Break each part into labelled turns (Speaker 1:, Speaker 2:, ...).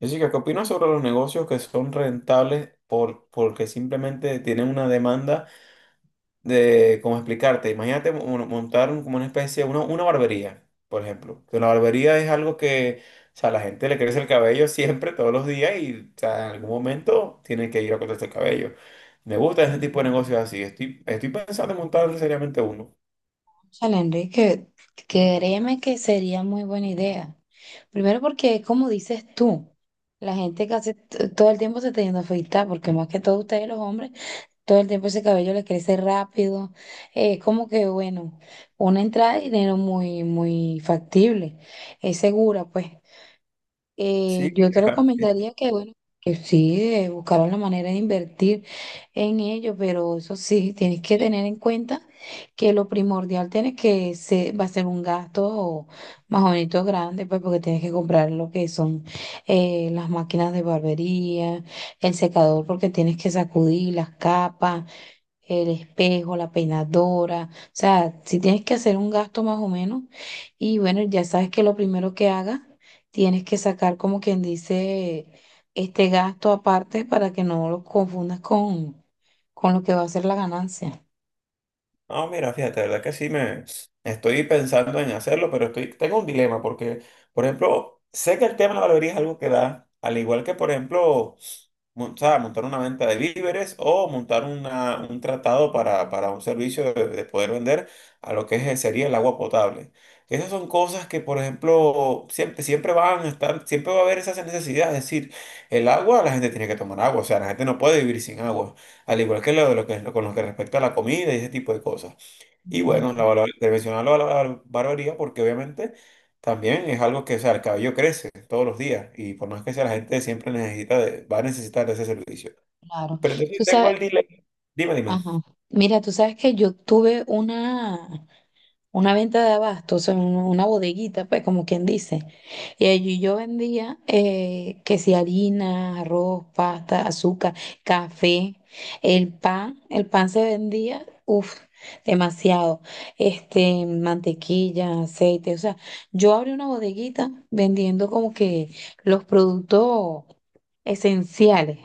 Speaker 1: Jessica, ¿qué opinas sobre los negocios que son rentables porque simplemente tienen una demanda de, cómo explicarte, imagínate montar como una especie, una barbería, por ejemplo, que la barbería es algo que, o sea, la gente le crece el cabello siempre, todos los días y, o sea, en algún momento tienen que ir a cortarse el cabello. Me gusta ese tipo de negocios así, estoy pensando en montar seriamente uno.
Speaker 2: Chale, Enrique, créeme que sería muy buena idea. Primero porque, como dices tú, la gente casi todo el tiempo se teniendo a afeitar, porque más que todo ustedes los hombres, todo el tiempo ese cabello le crece rápido. Es como que, bueno, una entrada de dinero muy, muy factible, es segura, pues
Speaker 1: Sí.
Speaker 2: yo te recomendaría que, bueno, que sí, buscaran la manera de invertir en ello, pero eso sí, tienes que tener en cuenta que lo primordial tiene que se, va a ser un gasto más o menos grande, pues porque tienes que comprar lo que son las máquinas de barbería, el secador porque tienes que sacudir las capas, el espejo, la peinadora, o sea, si tienes que hacer un gasto más o menos, y bueno, ya sabes que lo primero que hagas, tienes que sacar, como quien dice, este gasto aparte para que no lo confundas con lo que va a ser la ganancia.
Speaker 1: No, mira, fíjate, la verdad que sí me estoy pensando en hacerlo, pero estoy, tengo un dilema porque, por ejemplo, sé que el tema de la barbería es algo que da, al igual que, por ejemplo, o sea, montar una venta de víveres o montar una, un tratado para un servicio de poder vender a lo que sería el agua potable. Esas son cosas que, por ejemplo, siempre van a estar, siempre va a haber esa necesidad. Es decir, el agua, la gente tiene que tomar agua, o sea, la gente no puede vivir sin agua al igual que lo de lo que es lo- con lo que respecta a la comida y ese tipo de cosas. Y
Speaker 2: Bueno,
Speaker 1: bueno, te mencionaba la, barbería porque obviamente también es algo que, o sea, el cabello crece todos los días y por más que sea, la gente siempre necesita va a necesitar de ese servicio.
Speaker 2: claro.
Speaker 1: Pero entonces
Speaker 2: Tú
Speaker 1: tengo
Speaker 2: sabes.
Speaker 1: el dilema, dime, dime.
Speaker 2: Ajá. Mira, tú sabes que yo tuve una venta de abasto, o sea, una bodeguita, pues, como quien dice. Y allí yo vendía, que si harina, arroz, pasta, azúcar, café, el pan se vendía, uff, demasiado. Este, mantequilla, aceite, o sea, yo abrí una bodeguita vendiendo como que los productos esenciales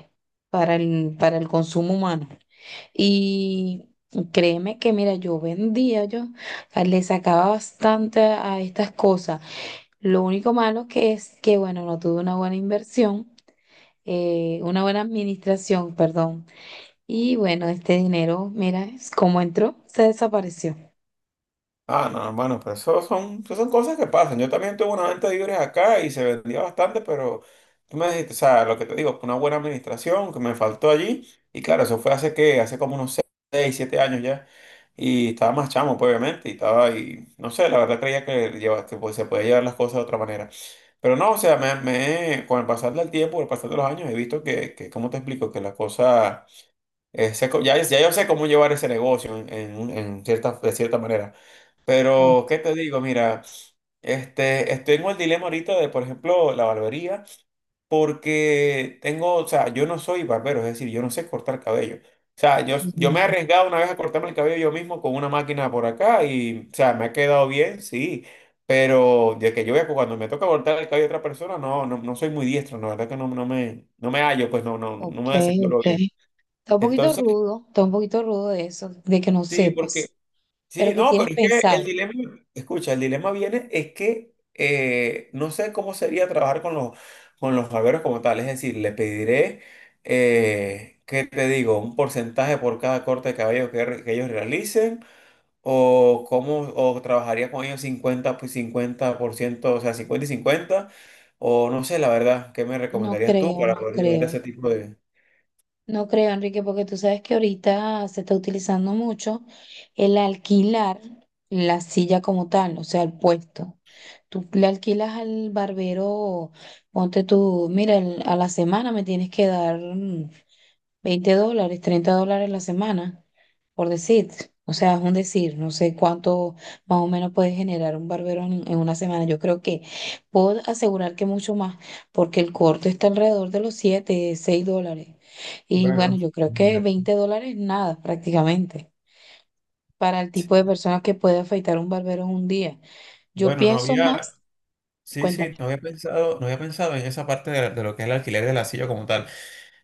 Speaker 2: para el consumo humano. Y créeme que, mira, yo vendía, le sacaba bastante a estas cosas. Lo único malo que es que, bueno, no tuve una buena inversión, una buena administración, perdón. Y bueno, este dinero, mira, es como entró, se desapareció.
Speaker 1: Ah, no, hermano, pero eso son cosas que pasan. Yo también tuve una venta de libros acá y se vendía bastante, pero tú me dijiste, o sea, lo que te digo, fue una buena administración que me faltó allí. Y claro, eso fue hace como unos 6, 7 años ya. Y estaba más chamo, pues, obviamente, y estaba ahí, no sé, la verdad creía que pues, se podía llevar las cosas de otra manera. Pero no, o sea, con el pasar del tiempo, con el pasar de los años, he visto que ¿cómo te explico? Que las cosas, ya yo sé cómo llevar ese negocio en cierta, de cierta manera.
Speaker 2: Ok,
Speaker 1: Pero, ¿qué te digo? Mira, este, estoy en el dilema ahorita de, por ejemplo, la barbería, porque tengo, o sea, yo no soy barbero, es decir, yo no sé cortar cabello. O sea, yo me he arriesgado una vez a cortarme el cabello yo mismo con una máquina por acá y, o sea, me ha quedado bien, sí, pero de que yo vea que cuando me toca cortar el cabello a otra persona, no, no, no soy muy diestro, la verdad que no, no me hallo, pues no, no, no
Speaker 2: ok.
Speaker 1: no me desenvuelvo
Speaker 2: Ok.
Speaker 1: bien.
Speaker 2: Está un poquito
Speaker 1: Entonces,
Speaker 2: rudo, está un poquito rudo de eso, de que no
Speaker 1: sí, porque...
Speaker 2: sepas. ¿Pero
Speaker 1: Sí,
Speaker 2: que
Speaker 1: no,
Speaker 2: tienes
Speaker 1: pero es que el
Speaker 2: pensado?
Speaker 1: dilema, escucha, el dilema viene es que no sé cómo sería trabajar con con los barberos como tal, es decir, le pediré, ¿qué te digo? Un porcentaje por cada corte de cabello que ellos realicen, o cómo, o trabajaría con ellos 50 pues 50%, o sea, 50 y 50 o no sé, la verdad, ¿qué me
Speaker 2: No
Speaker 1: recomendarías tú
Speaker 2: creo,
Speaker 1: para
Speaker 2: no
Speaker 1: poder llevar
Speaker 2: creo.
Speaker 1: ese tipo de...
Speaker 2: No creo, Enrique, porque tú sabes que ahorita se está utilizando mucho el alquilar la silla como tal, o sea, el puesto. Tú le alquilas al barbero, ponte tú, mira, a la semana me tienes que dar, veinte dólares, $30 la semana, por decir. O sea, es un decir, no sé cuánto más o menos puede generar un barbero en una semana. Yo creo que puedo asegurar que mucho más, porque el corte está alrededor de los 7, $6. Y bueno,
Speaker 1: Bueno,
Speaker 2: yo creo que
Speaker 1: de-
Speaker 2: $20, nada prácticamente para el tipo de personas que puede afeitar un barbero en un día. Yo
Speaker 1: bueno, no
Speaker 2: pienso
Speaker 1: había,
Speaker 2: más,
Speaker 1: sí,
Speaker 2: cuéntame
Speaker 1: sí, no había pensado en esa parte de lo que es el alquiler de la silla como tal.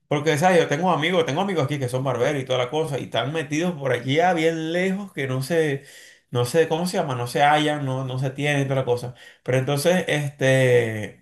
Speaker 1: Porque, ¿sabes? Yo tengo amigos aquí que son barberos y toda la cosa, y están metidos por aquí a bien lejos que no sé, ¿cómo se llama? No se hallan, no, no se tienen y toda la cosa. Pero entonces, este.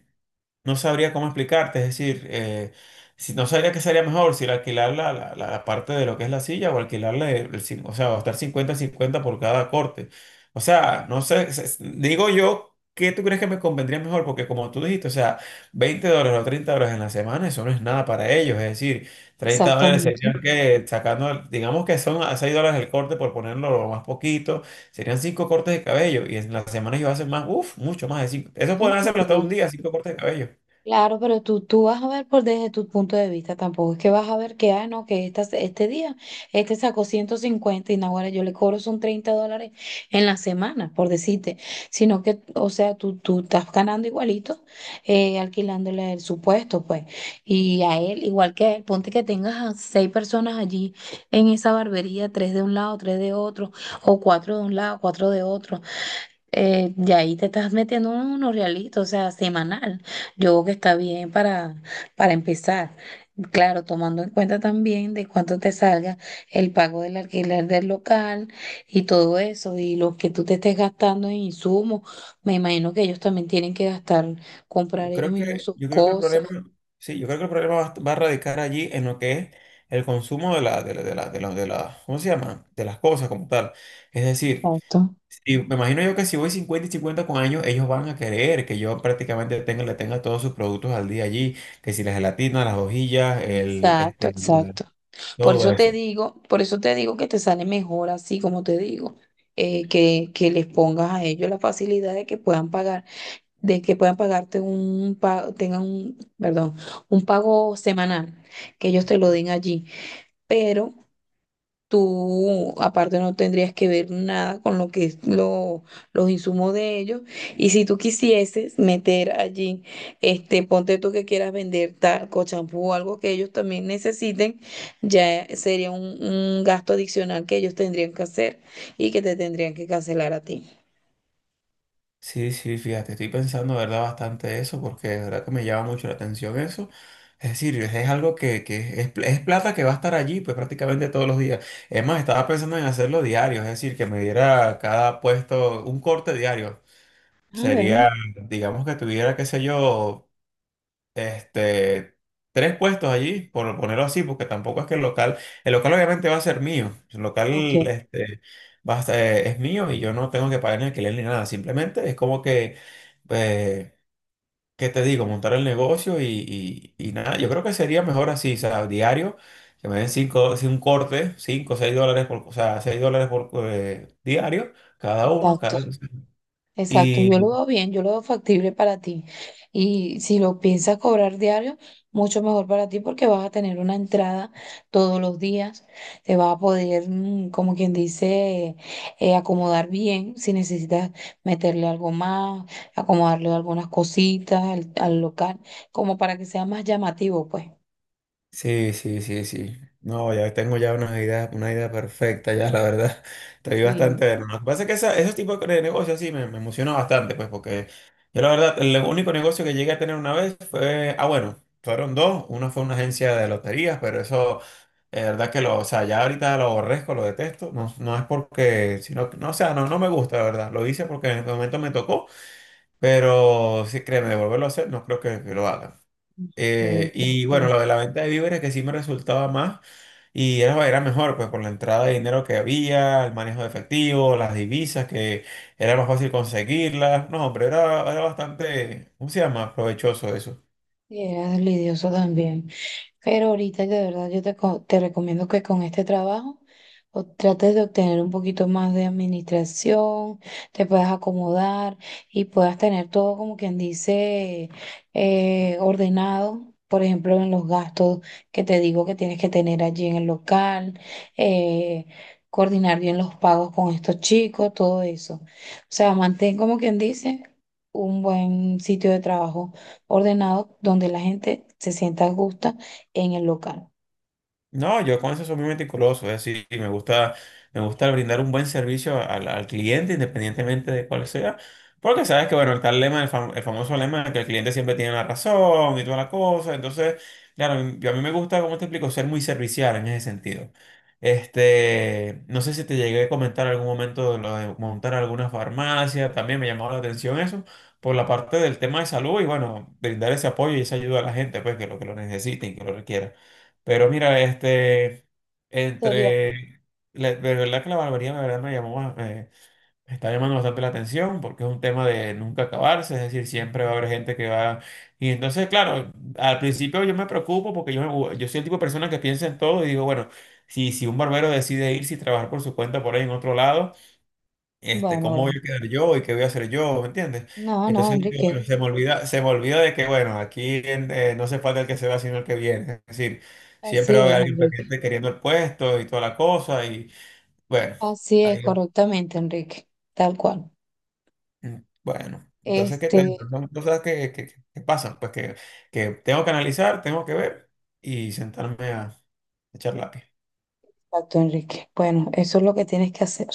Speaker 1: No sabría cómo explicarte, es decir, si, no sabría qué sería mejor, si el alquilar la parte de lo que es la silla o alquilarle, o sea, gastar cincuenta cincuenta por cada corte. O sea, no sé, digo yo, ¿qué tú crees que me convendría mejor? Porque como tú dijiste, o sea, $20 o $30 en la semana, eso no es nada para ellos, es decir, $30
Speaker 2: exactamente.
Speaker 1: serían que sacando, digamos que son a $6 el corte por ponerlo lo más poquito, serían 5 cortes de cabello y en la semana ellos hacen más, uff, mucho más de 5. Eso
Speaker 2: Tú.
Speaker 1: podrían hacerlo hasta un día, 5 cortes de cabello.
Speaker 2: Claro, pero tú vas a ver por desde tu punto de vista, tampoco es que vas a ver que, ah, no, que este día, este sacó 150 y naguará, yo le cobro son $30 en la semana, por decirte, sino que, o sea, tú estás ganando igualito, alquilándole el supuesto, pues, y a él, igual que a él, ponte que tengas a seis personas allí en esa barbería, tres de un lado, tres de otro, o cuatro de un lado, cuatro de otro, y ahí te estás metiendo unos realitos, o sea, semanal. Yo creo que está bien para empezar. Claro, tomando en cuenta también de cuánto te salga el pago del alquiler del local y todo eso, y lo que tú te estés gastando en insumos. Me imagino que ellos también tienen que gastar,
Speaker 1: Yo
Speaker 2: comprar ellos
Speaker 1: creo
Speaker 2: mismos
Speaker 1: que,
Speaker 2: sus
Speaker 1: yo creo que el
Speaker 2: cosas.
Speaker 1: problema, sí, yo creo que el problema va, va a radicar allí en lo que es el consumo de la, ¿cómo se llama? De las cosas como tal. Es decir,
Speaker 2: Exacto.
Speaker 1: si- me imagino yo que si voy 50 y 50 con años, ellos van a querer que yo prácticamente tenga, le tenga todos sus productos al día allí, que si la gelatina, las hojillas, el,
Speaker 2: Exacto,
Speaker 1: este, la-
Speaker 2: exacto. Por
Speaker 1: todo
Speaker 2: eso te
Speaker 1: eso.
Speaker 2: digo, por eso te digo que te sale mejor así como te digo, que les pongas a ellos la facilidad de que puedan pagar, de que puedan pagarte un pago, tengan un, perdón, un pago semanal, que ellos te lo den allí. Pero tú, aparte, no tendrías que ver nada con lo que es lo, los insumos de ellos. Y si tú quisieses meter allí, este, ponte tú que quieras vender talco, champú o algo que ellos también necesiten, ya sería un gasto adicional que ellos tendrían que hacer y que te tendrían que cancelar a ti.
Speaker 1: Sí, sí, fíjate, estoy pensando, ¿verdad? Bastante eso, porque de verdad que me llama mucho la atención eso. Es decir, es algo es plata que va a estar allí, pues prácticamente todos los días. Es más, estaba pensando en hacerlo diario, es decir, que me diera cada puesto un corte diario.
Speaker 2: Ah, bueno,
Speaker 1: Sería, digamos que tuviera, qué sé yo, este, tres puestos allí, por ponerlo así, porque tampoco es que el local obviamente va a ser mío, el local
Speaker 2: ok,
Speaker 1: este, va a es mío y yo no tengo que pagar ni alquiler ni nada, simplemente es como que, eh, ¿qué te digo? Montar el negocio y nada, yo creo que sería mejor así, o sea, diario, que me den cinco, sí, un corte, cinco, seis dólares por, o sea, $6 por diario, cada uno,
Speaker 2: exacto.
Speaker 1: cada...
Speaker 2: Exacto, yo lo veo bien, yo lo veo factible para ti. Y si lo piensas cobrar diario, mucho mejor para ti porque vas a tener una entrada todos los días, te vas a poder, como quien dice, acomodar bien si necesitas meterle algo más, acomodarle algunas cositas al, al local, como para que sea más llamativo, pues.
Speaker 1: Sí, sí, sí, sí. No, ya tengo ya una idea perfecta, ya la verdad. Estoy
Speaker 2: Sí,
Speaker 1: bastante de lo que pasa es que esos tipos de negocios sí me emociona bastante, pues, porque yo la verdad, el único negocio que llegué a tener una vez fue, ah, bueno, fueron dos. Una fue una agencia de loterías, pero eso, la verdad que lo, o sea, ya ahorita lo aborrezco, lo detesto. No, no es porque, sino, que- no, o sea, no, no me gusta, la verdad. Lo hice porque en el momento me tocó, pero sí, créeme, volverlo a hacer, no creo que lo haga.
Speaker 2: ok,
Speaker 1: Y bueno,
Speaker 2: ok.
Speaker 1: lo de la venta de víveres que sí me resultaba más y era mejor, pues por la entrada de dinero que había, el manejo de efectivo, las divisas que era más fácil conseguirlas. No, hombre, era bastante, ¿cómo se llama? Provechoso eso.
Speaker 2: Y era lidioso también. Pero ahorita de verdad yo te, co- te recomiendo que con este trabajo o trates de obtener un poquito más de administración, te puedas acomodar y puedas tener todo, como quien dice, ordenado. Por ejemplo, en los gastos que te digo que tienes que tener allí en el local, eh, coordinar bien los pagos con estos chicos, todo eso. O sea, mantén, como quien dice, un buen sitio de trabajo ordenado donde la gente se sienta justa en el local.
Speaker 1: No, yo con eso soy muy meticuloso, es decir, me gusta brindar un buen servicio al cliente, independientemente de cuál sea, porque sabes que, bueno, está el lema, el famoso lema de que el cliente siempre tiene la razón y toda la cosa, entonces, claro, yo a mí me gusta, como te explico, ser muy servicial en ese sentido. Este, no sé si te llegué a comentar en algún momento de lo de montar alguna farmacia, también me llamó la atención eso, por la parte del tema de salud y, bueno, brindar ese apoyo y esa ayuda a la gente, pues, que lo necesiten, que lo requieran. Pero mira, este,
Speaker 2: Sería.
Speaker 1: entre, la- de verdad que la barbería de verdad me llamó, me está llamando bastante la atención porque es un tema de nunca acabarse, es decir, siempre va a haber gente que va. Y entonces, claro, al principio yo me preocupo porque yo soy el tipo de persona que piensa en todo y digo, bueno, si un barbero decide irse y trabajar por su cuenta por ahí en otro lado,
Speaker 2: Bueno,
Speaker 1: este, cómo voy
Speaker 2: bueno.
Speaker 1: a quedar yo y qué voy a hacer yo, ¿me entiendes?
Speaker 2: No, no,
Speaker 1: Entonces, yo,
Speaker 2: Enrique.
Speaker 1: bueno, se me olvida de que, bueno, aquí no se falta el que se va, sino el que viene. Es decir, siempre
Speaker 2: Así
Speaker 1: va a haber
Speaker 2: es,
Speaker 1: alguien
Speaker 2: Enrique.
Speaker 1: pendiente queriendo el puesto y toda la cosa y, bueno,
Speaker 2: Así es,
Speaker 1: ahí,
Speaker 2: correctamente, Enrique. Tal cual.
Speaker 1: mm, bueno. Entonces, ¿qué tal?
Speaker 2: Este,
Speaker 1: Son cosas que pasan, pues que tengo que analizar, tengo que ver y sentarme a echar lápiz.
Speaker 2: exacto, Enrique. Bueno, eso es lo que tienes que hacer.